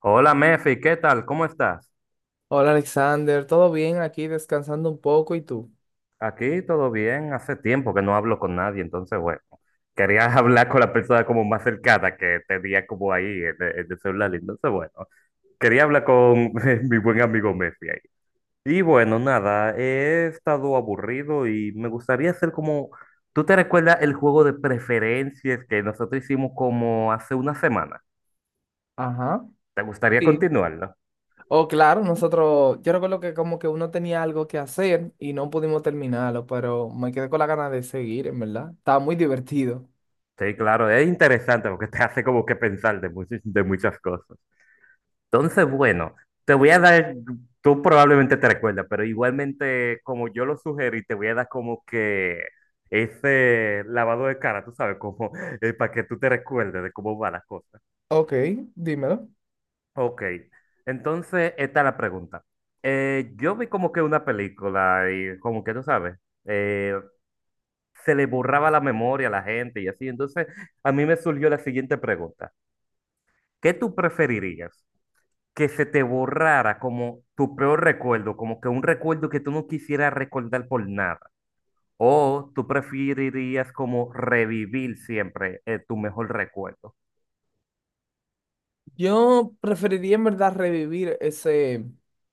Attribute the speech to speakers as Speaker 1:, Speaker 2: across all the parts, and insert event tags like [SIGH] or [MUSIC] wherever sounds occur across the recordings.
Speaker 1: Hola Mefi, ¿qué tal? ¿Cómo estás?
Speaker 2: Hola Alexander, ¿todo bien? Aquí descansando un poco, ¿y tú?
Speaker 1: Aquí todo bien, hace tiempo que no hablo con nadie, entonces bueno, quería [LAUGHS] hablar con la persona como más cercana que tenía como ahí en el celular, entonces bueno, quería hablar con [LAUGHS] mi buen amigo Mefi ahí. Y bueno, nada, he estado aburrido y me gustaría hacer como, ¿tú te recuerdas el juego de preferencias que nosotros hicimos como hace una semana?
Speaker 2: Ajá.
Speaker 1: ¿Te gustaría
Speaker 2: Sí.
Speaker 1: continuarlo?
Speaker 2: Oh, claro, nosotros, yo recuerdo que como que uno tenía algo que hacer y no pudimos terminarlo, pero me quedé con la gana de seguir, en verdad. Estaba muy divertido.
Speaker 1: Sí, claro, es interesante porque te hace como que pensar de muchas cosas. Entonces, bueno, te voy a dar, tú probablemente te recuerdas, pero igualmente como yo lo sugerí, te voy a dar como que ese lavado de cara, tú sabes, como [LAUGHS] para que tú te recuerdes de cómo van las cosas.
Speaker 2: Ok, dímelo.
Speaker 1: Ok, entonces esta es la pregunta. Yo vi como que una película y como que tú sabes, eh, se le borraba la memoria a la gente y así, entonces a mí me surgió la siguiente pregunta. ¿Qué tú preferirías? Que se te borrara como tu peor recuerdo, como que un recuerdo que tú no quisieras recordar por nada. O tú preferirías como revivir siempre tu mejor recuerdo.
Speaker 2: Yo preferiría en verdad revivir ese,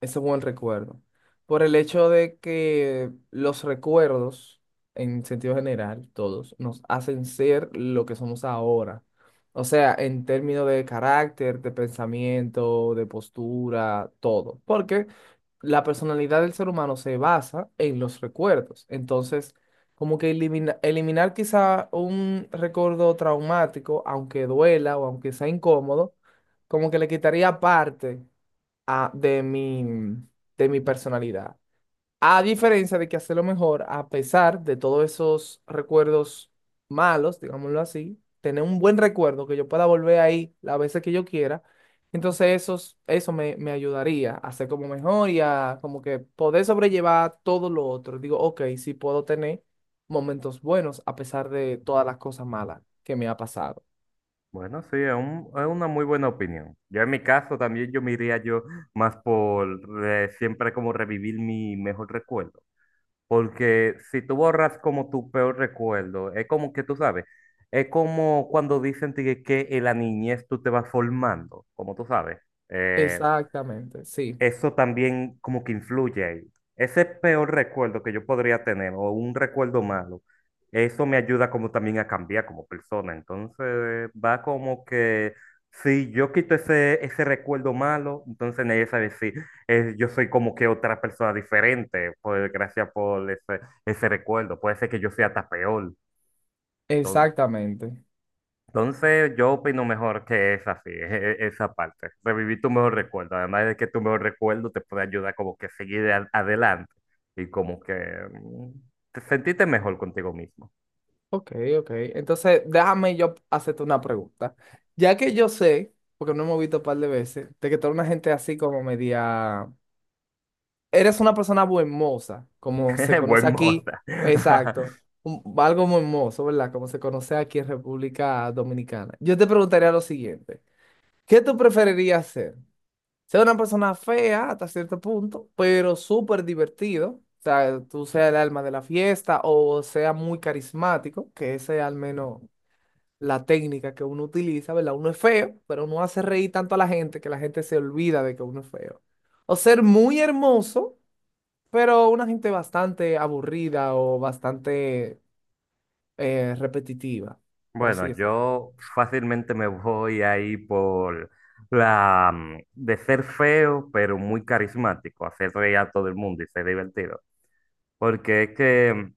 Speaker 2: ese buen recuerdo, por el hecho de que los recuerdos, en sentido general, todos, nos hacen ser lo que somos ahora. O sea, en términos de carácter, de pensamiento, de postura, todo. Porque la personalidad del ser humano se basa en los recuerdos. Entonces, como que eliminar quizá un recuerdo traumático, aunque duela o aunque sea incómodo, como que le quitaría parte a- de mi, de mi personalidad. A diferencia de que hacerlo mejor, a pesar de todos esos recuerdos malos, digámoslo así, tener un buen recuerdo que yo pueda volver ahí las veces que yo quiera, entonces esos, eso me, me ayudaría a ser como mejor y a como que poder sobrellevar todo lo otro. Digo, ok, sí puedo tener momentos buenos a pesar de todas las cosas malas que me ha pasado.
Speaker 1: Bueno, sí, es, es una muy buena opinión. Yo en mi caso también yo me iría yo más por siempre como revivir mi mejor recuerdo. Porque si tú borras como tu peor recuerdo, es como que tú sabes, es como cuando dicen tigre, que en la niñez tú te vas formando, como tú sabes. Eh,
Speaker 2: Exactamente, sí,
Speaker 1: Eso también como que influye ahí. Ese peor recuerdo que yo podría tener o un recuerdo malo, eso me ayuda como también a cambiar como persona. Entonces va como que si yo quito ese recuerdo malo, entonces nadie sabe si yo soy como que otra persona diferente, pues gracias por ese, ese recuerdo. Puede ser que yo sea hasta peor. Entonces,
Speaker 2: exactamente.
Speaker 1: entonces, yo opino mejor que es así, esa parte. Revivir tu mejor recuerdo. Además de que tu mejor recuerdo te puede ayudar como que a seguir adelante y como que mm, te sentirte mejor contigo mismo.
Speaker 2: Ok, ok. Entonces, déjame yo hacerte una pregunta. Ya que yo sé, porque no hemos visto un par de veces, de que toda una gente así como media... Eres una persona buenmoza, como se
Speaker 1: [LAUGHS] Buen
Speaker 2: conoce
Speaker 1: moza.
Speaker 2: aquí. Exacto.
Speaker 1: [LAUGHS]
Speaker 2: Algo muy hermoso, ¿verdad? Como se conoce aquí en República Dominicana. Yo te preguntaría lo siguiente. ¿Qué tú preferirías ser? Ser una persona fea hasta cierto punto, pero súper divertido. O sea, tú seas el alma de la fiesta o sea muy carismático, que ese al menos la técnica que uno utiliza, ¿verdad? Uno es feo, pero uno hace reír tanto a la gente que la gente se olvida de que uno es feo. O ser muy hermoso, pero una gente bastante aburrida o bastante repetitiva, por
Speaker 1: Bueno,
Speaker 2: así decirlo.
Speaker 1: yo fácilmente me voy ahí por la de ser feo, pero muy carismático, hacer reír a todo el mundo y ser divertido. Porque es que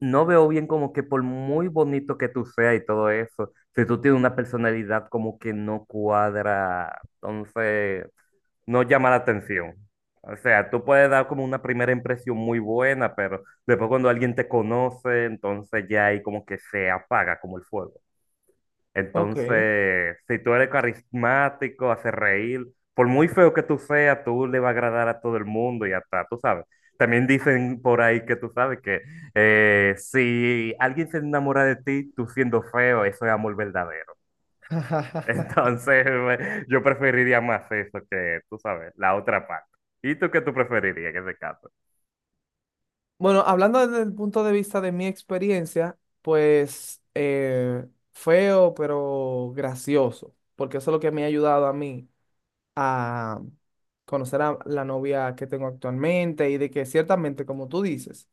Speaker 1: no veo bien como que por muy bonito que tú seas y todo eso, si tú tienes una personalidad como que no cuadra, entonces no llama la atención. O sea, tú puedes dar como una primera impresión muy buena, pero después cuando alguien te conoce, entonces ya ahí como que se apaga como el fuego.
Speaker 2: Ok.
Speaker 1: Entonces, si tú eres carismático, haces reír, por muy feo que tú seas, tú le va a agradar a todo el mundo y hasta, tú sabes. También dicen por ahí que tú sabes que si alguien se enamora de ti, tú siendo feo, eso es amor verdadero. [LAUGHS]
Speaker 2: [LAUGHS]
Speaker 1: Entonces, yo preferiría más eso que, tú sabes, la otra parte. ¿Y tú qué tú preferirías en ese caso?
Speaker 2: Bueno, hablando desde el punto de vista de mi experiencia, pues feo, pero gracioso, porque eso es lo que me ha ayudado a mí, a conocer a la novia que tengo actualmente y de que ciertamente, como tú dices,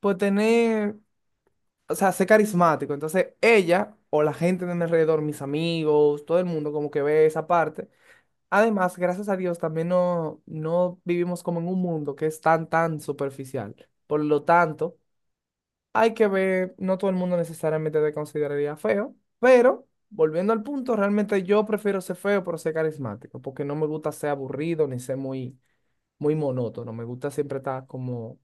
Speaker 2: pues tener, o sea, ser carismático. Entonces ella o la gente de mi alrededor, mis amigos, todo el mundo como que ve esa parte. Además, gracias a Dios también no, no vivimos como en un mundo que es tan, tan superficial. Por lo tanto, hay que ver, no todo el mundo necesariamente te consideraría feo, pero... Volviendo al punto, realmente yo prefiero ser feo, pero ser carismático, porque no me gusta ser aburrido ni ser muy, muy monótono. Me gusta siempre estar como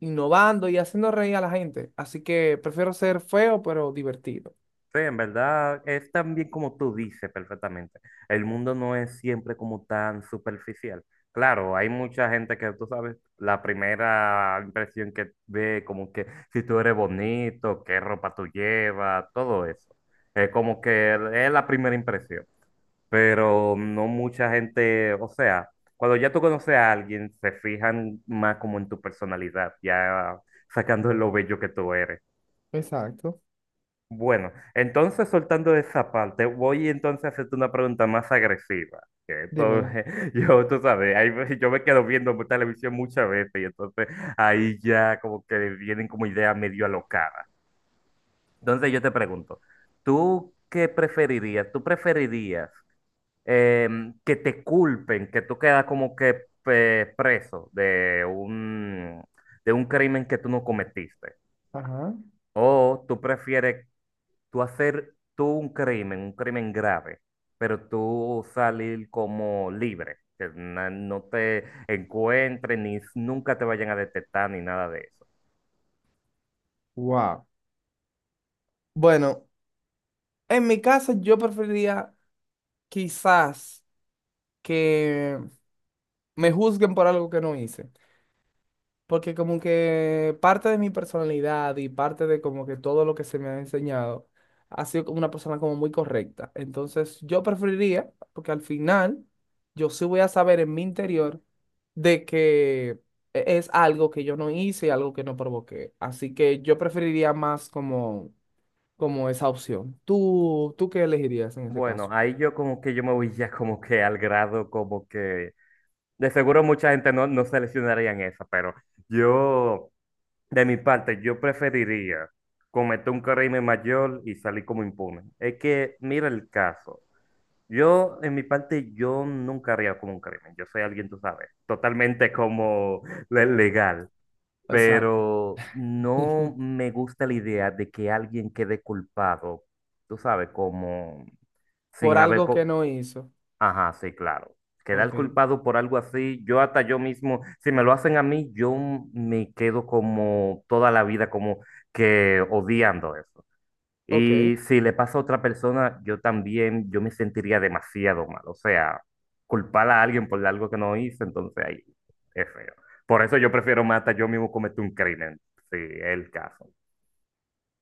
Speaker 2: innovando y haciendo reír a la gente. Así que prefiero ser feo, pero divertido.
Speaker 1: Sí, en verdad es también como tú dices perfectamente. El mundo no es siempre como tan superficial. Claro, hay mucha gente que tú sabes, la primera impresión que ve, como que si tú eres bonito, qué ropa tú llevas, todo eso. Es como que es la primera impresión. Pero no mucha gente, o sea, cuando ya tú conoces a alguien, se fijan más como en tu personalidad, ya sacando lo bello que tú eres.
Speaker 2: Exacto.
Speaker 1: Bueno, entonces soltando esa parte, voy entonces a hacerte una pregunta más agresiva. Que esto,
Speaker 2: Dímelo.
Speaker 1: [LAUGHS] yo, tú sabes, ahí yo me quedo viendo televisión muchas veces y entonces ahí ya como que vienen como ideas medio alocadas. Entonces yo te pregunto, ¿tú qué preferirías? ¿Tú preferirías que te culpen, que tú quedas como que preso de un crimen que tú no cometiste?
Speaker 2: Ajá.
Speaker 1: O tú prefieres tú hacer tú un crimen grave, pero tú salir como libre, que no te encuentren ni nunca te vayan a detectar ni nada de eso.
Speaker 2: Wow. Bueno, en mi caso, yo preferiría quizás que me juzguen por algo que no hice. Porque como que parte de mi personalidad y parte de como que todo lo que se me ha enseñado ha sido como una persona como muy correcta. Entonces yo preferiría, porque al final yo sí voy a saber en mi interior de que es algo que yo no hice y algo que no provoqué. Así que yo preferiría más como, como esa opción. ¿Tú, tú qué elegirías en ese
Speaker 1: Bueno,
Speaker 2: caso?
Speaker 1: ahí yo como que yo me voy ya como que al grado como que de seguro mucha gente no, no seleccionaría en esa, pero yo de mi parte yo preferiría cometer un crimen mayor y salir como impune. Es que mira el caso. Yo, en mi parte, yo nunca haría como un crimen. Yo soy alguien, tú sabes, totalmente como legal.
Speaker 2: Exacto.
Speaker 1: Pero no
Speaker 2: [LAUGHS]
Speaker 1: me gusta la idea de que alguien quede culpado, tú sabes, como sin
Speaker 2: Por
Speaker 1: haber...
Speaker 2: algo que
Speaker 1: co-
Speaker 2: no hizo.
Speaker 1: Ajá, sí, claro. Quedar
Speaker 2: Ok,
Speaker 1: culpado por algo así, yo hasta yo mismo, si me lo hacen a mí, yo me quedo como toda la vida como que odiando eso.
Speaker 2: ok.
Speaker 1: Y si le pasa a otra persona, yo también, yo me sentiría demasiado mal. O sea, culpar a alguien por algo que no hice, entonces ahí es feo. Por eso yo prefiero más hasta yo mismo cometer un crimen, si es el caso.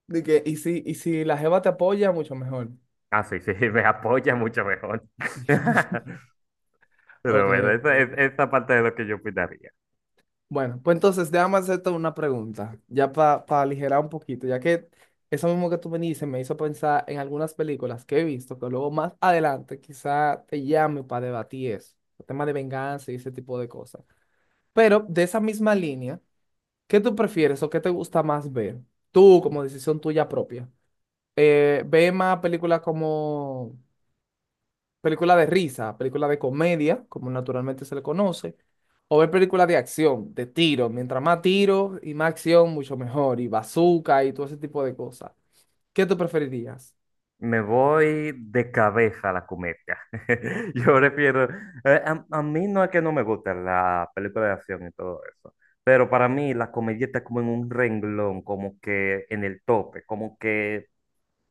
Speaker 2: De que, y si la jeva te apoya, mucho mejor.
Speaker 1: Ah, sí, sí, [LAUGHS] me apoya mucho mejor. [LAUGHS] Pero
Speaker 2: Ok,
Speaker 1: bueno, esa,
Speaker 2: ok.
Speaker 1: esa parte de lo que yo opinaría.
Speaker 2: Bueno, pues entonces déjame hacerte una pregunta, ya para aligerar un poquito, ya que eso mismo que tú me dices me hizo pensar en algunas películas que he visto, que luego más adelante quizá te llame para debatir eso, el tema de venganza y ese tipo de cosas. Pero de esa misma línea, ¿qué tú prefieres o qué te gusta más ver? Tú, como decisión tuya propia. ¿Ve más películas como... película de risa, película de comedia, como naturalmente se le conoce, o ver películas de acción, de tiro? Mientras más tiro y más acción, mucho mejor. Y bazooka y todo ese tipo de cosas. ¿Qué tú preferirías?
Speaker 1: Me voy de cabeza a la comedia. [LAUGHS] Yo prefiero. A mí no es que no me guste la película de acción y todo eso. Pero para mí la comedia está como en un renglón, como que en el tope, como que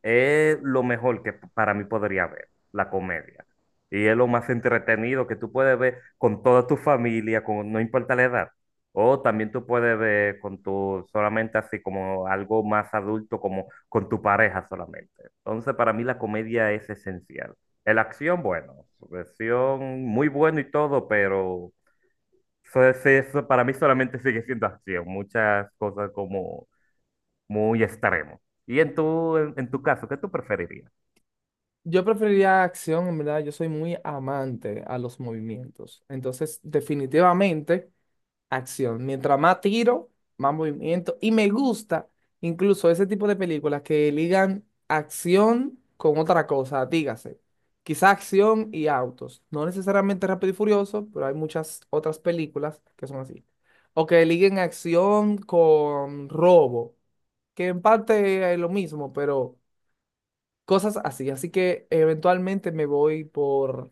Speaker 1: es lo mejor que para mí podría ver, la comedia. Y es lo más entretenido que tú puedes ver con toda tu familia, con, no importa la edad. O también tú puedes ver con tu, solamente así como algo más adulto, como con tu pareja solamente. Entonces, para mí la comedia es esencial. La acción, bueno, acción muy bueno y todo, pero eso, eso para mí solamente sigue siendo acción. Muchas cosas como muy extremo. Y en tu, en tu caso, ¿qué tú preferirías?
Speaker 2: Yo preferiría acción, en verdad, yo soy muy amante a los movimientos. Entonces, definitivamente acción. Mientras más tiro, más movimiento. Y me gusta incluso ese tipo de películas que ligan acción con otra cosa, dígase. Quizá acción y autos. No necesariamente Rápido y Furioso, pero hay muchas otras películas que son así. O que liguen acción con robo, que en parte es lo mismo, pero cosas así. Así que eventualmente me voy por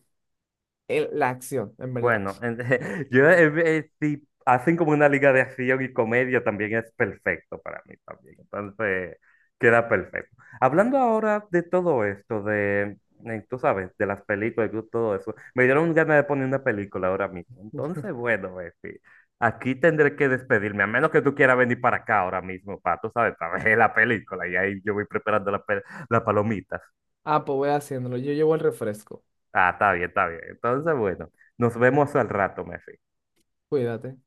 Speaker 2: la acción, en verdad.
Speaker 1: Bueno, [LAUGHS] yo si hacen como una liga de acción y comedia también es perfecto para mí también. Entonces, queda perfecto. Hablando ahora de todo esto, de, tú sabes, de las películas y todo eso, me dieron ganas de poner una película ahora mismo. Entonces, bueno, Befi, aquí tendré que despedirme, a menos que tú quieras venir para acá ahora mismo, para, tú sabes, para ver la película. Y ahí yo voy preparando la las palomitas.
Speaker 2: Ah, pues voy haciéndolo. Yo llevo el refresco.
Speaker 1: Ah, está bien, está bien. Entonces, bueno, nos vemos al rato, Messi.
Speaker 2: Cuídate.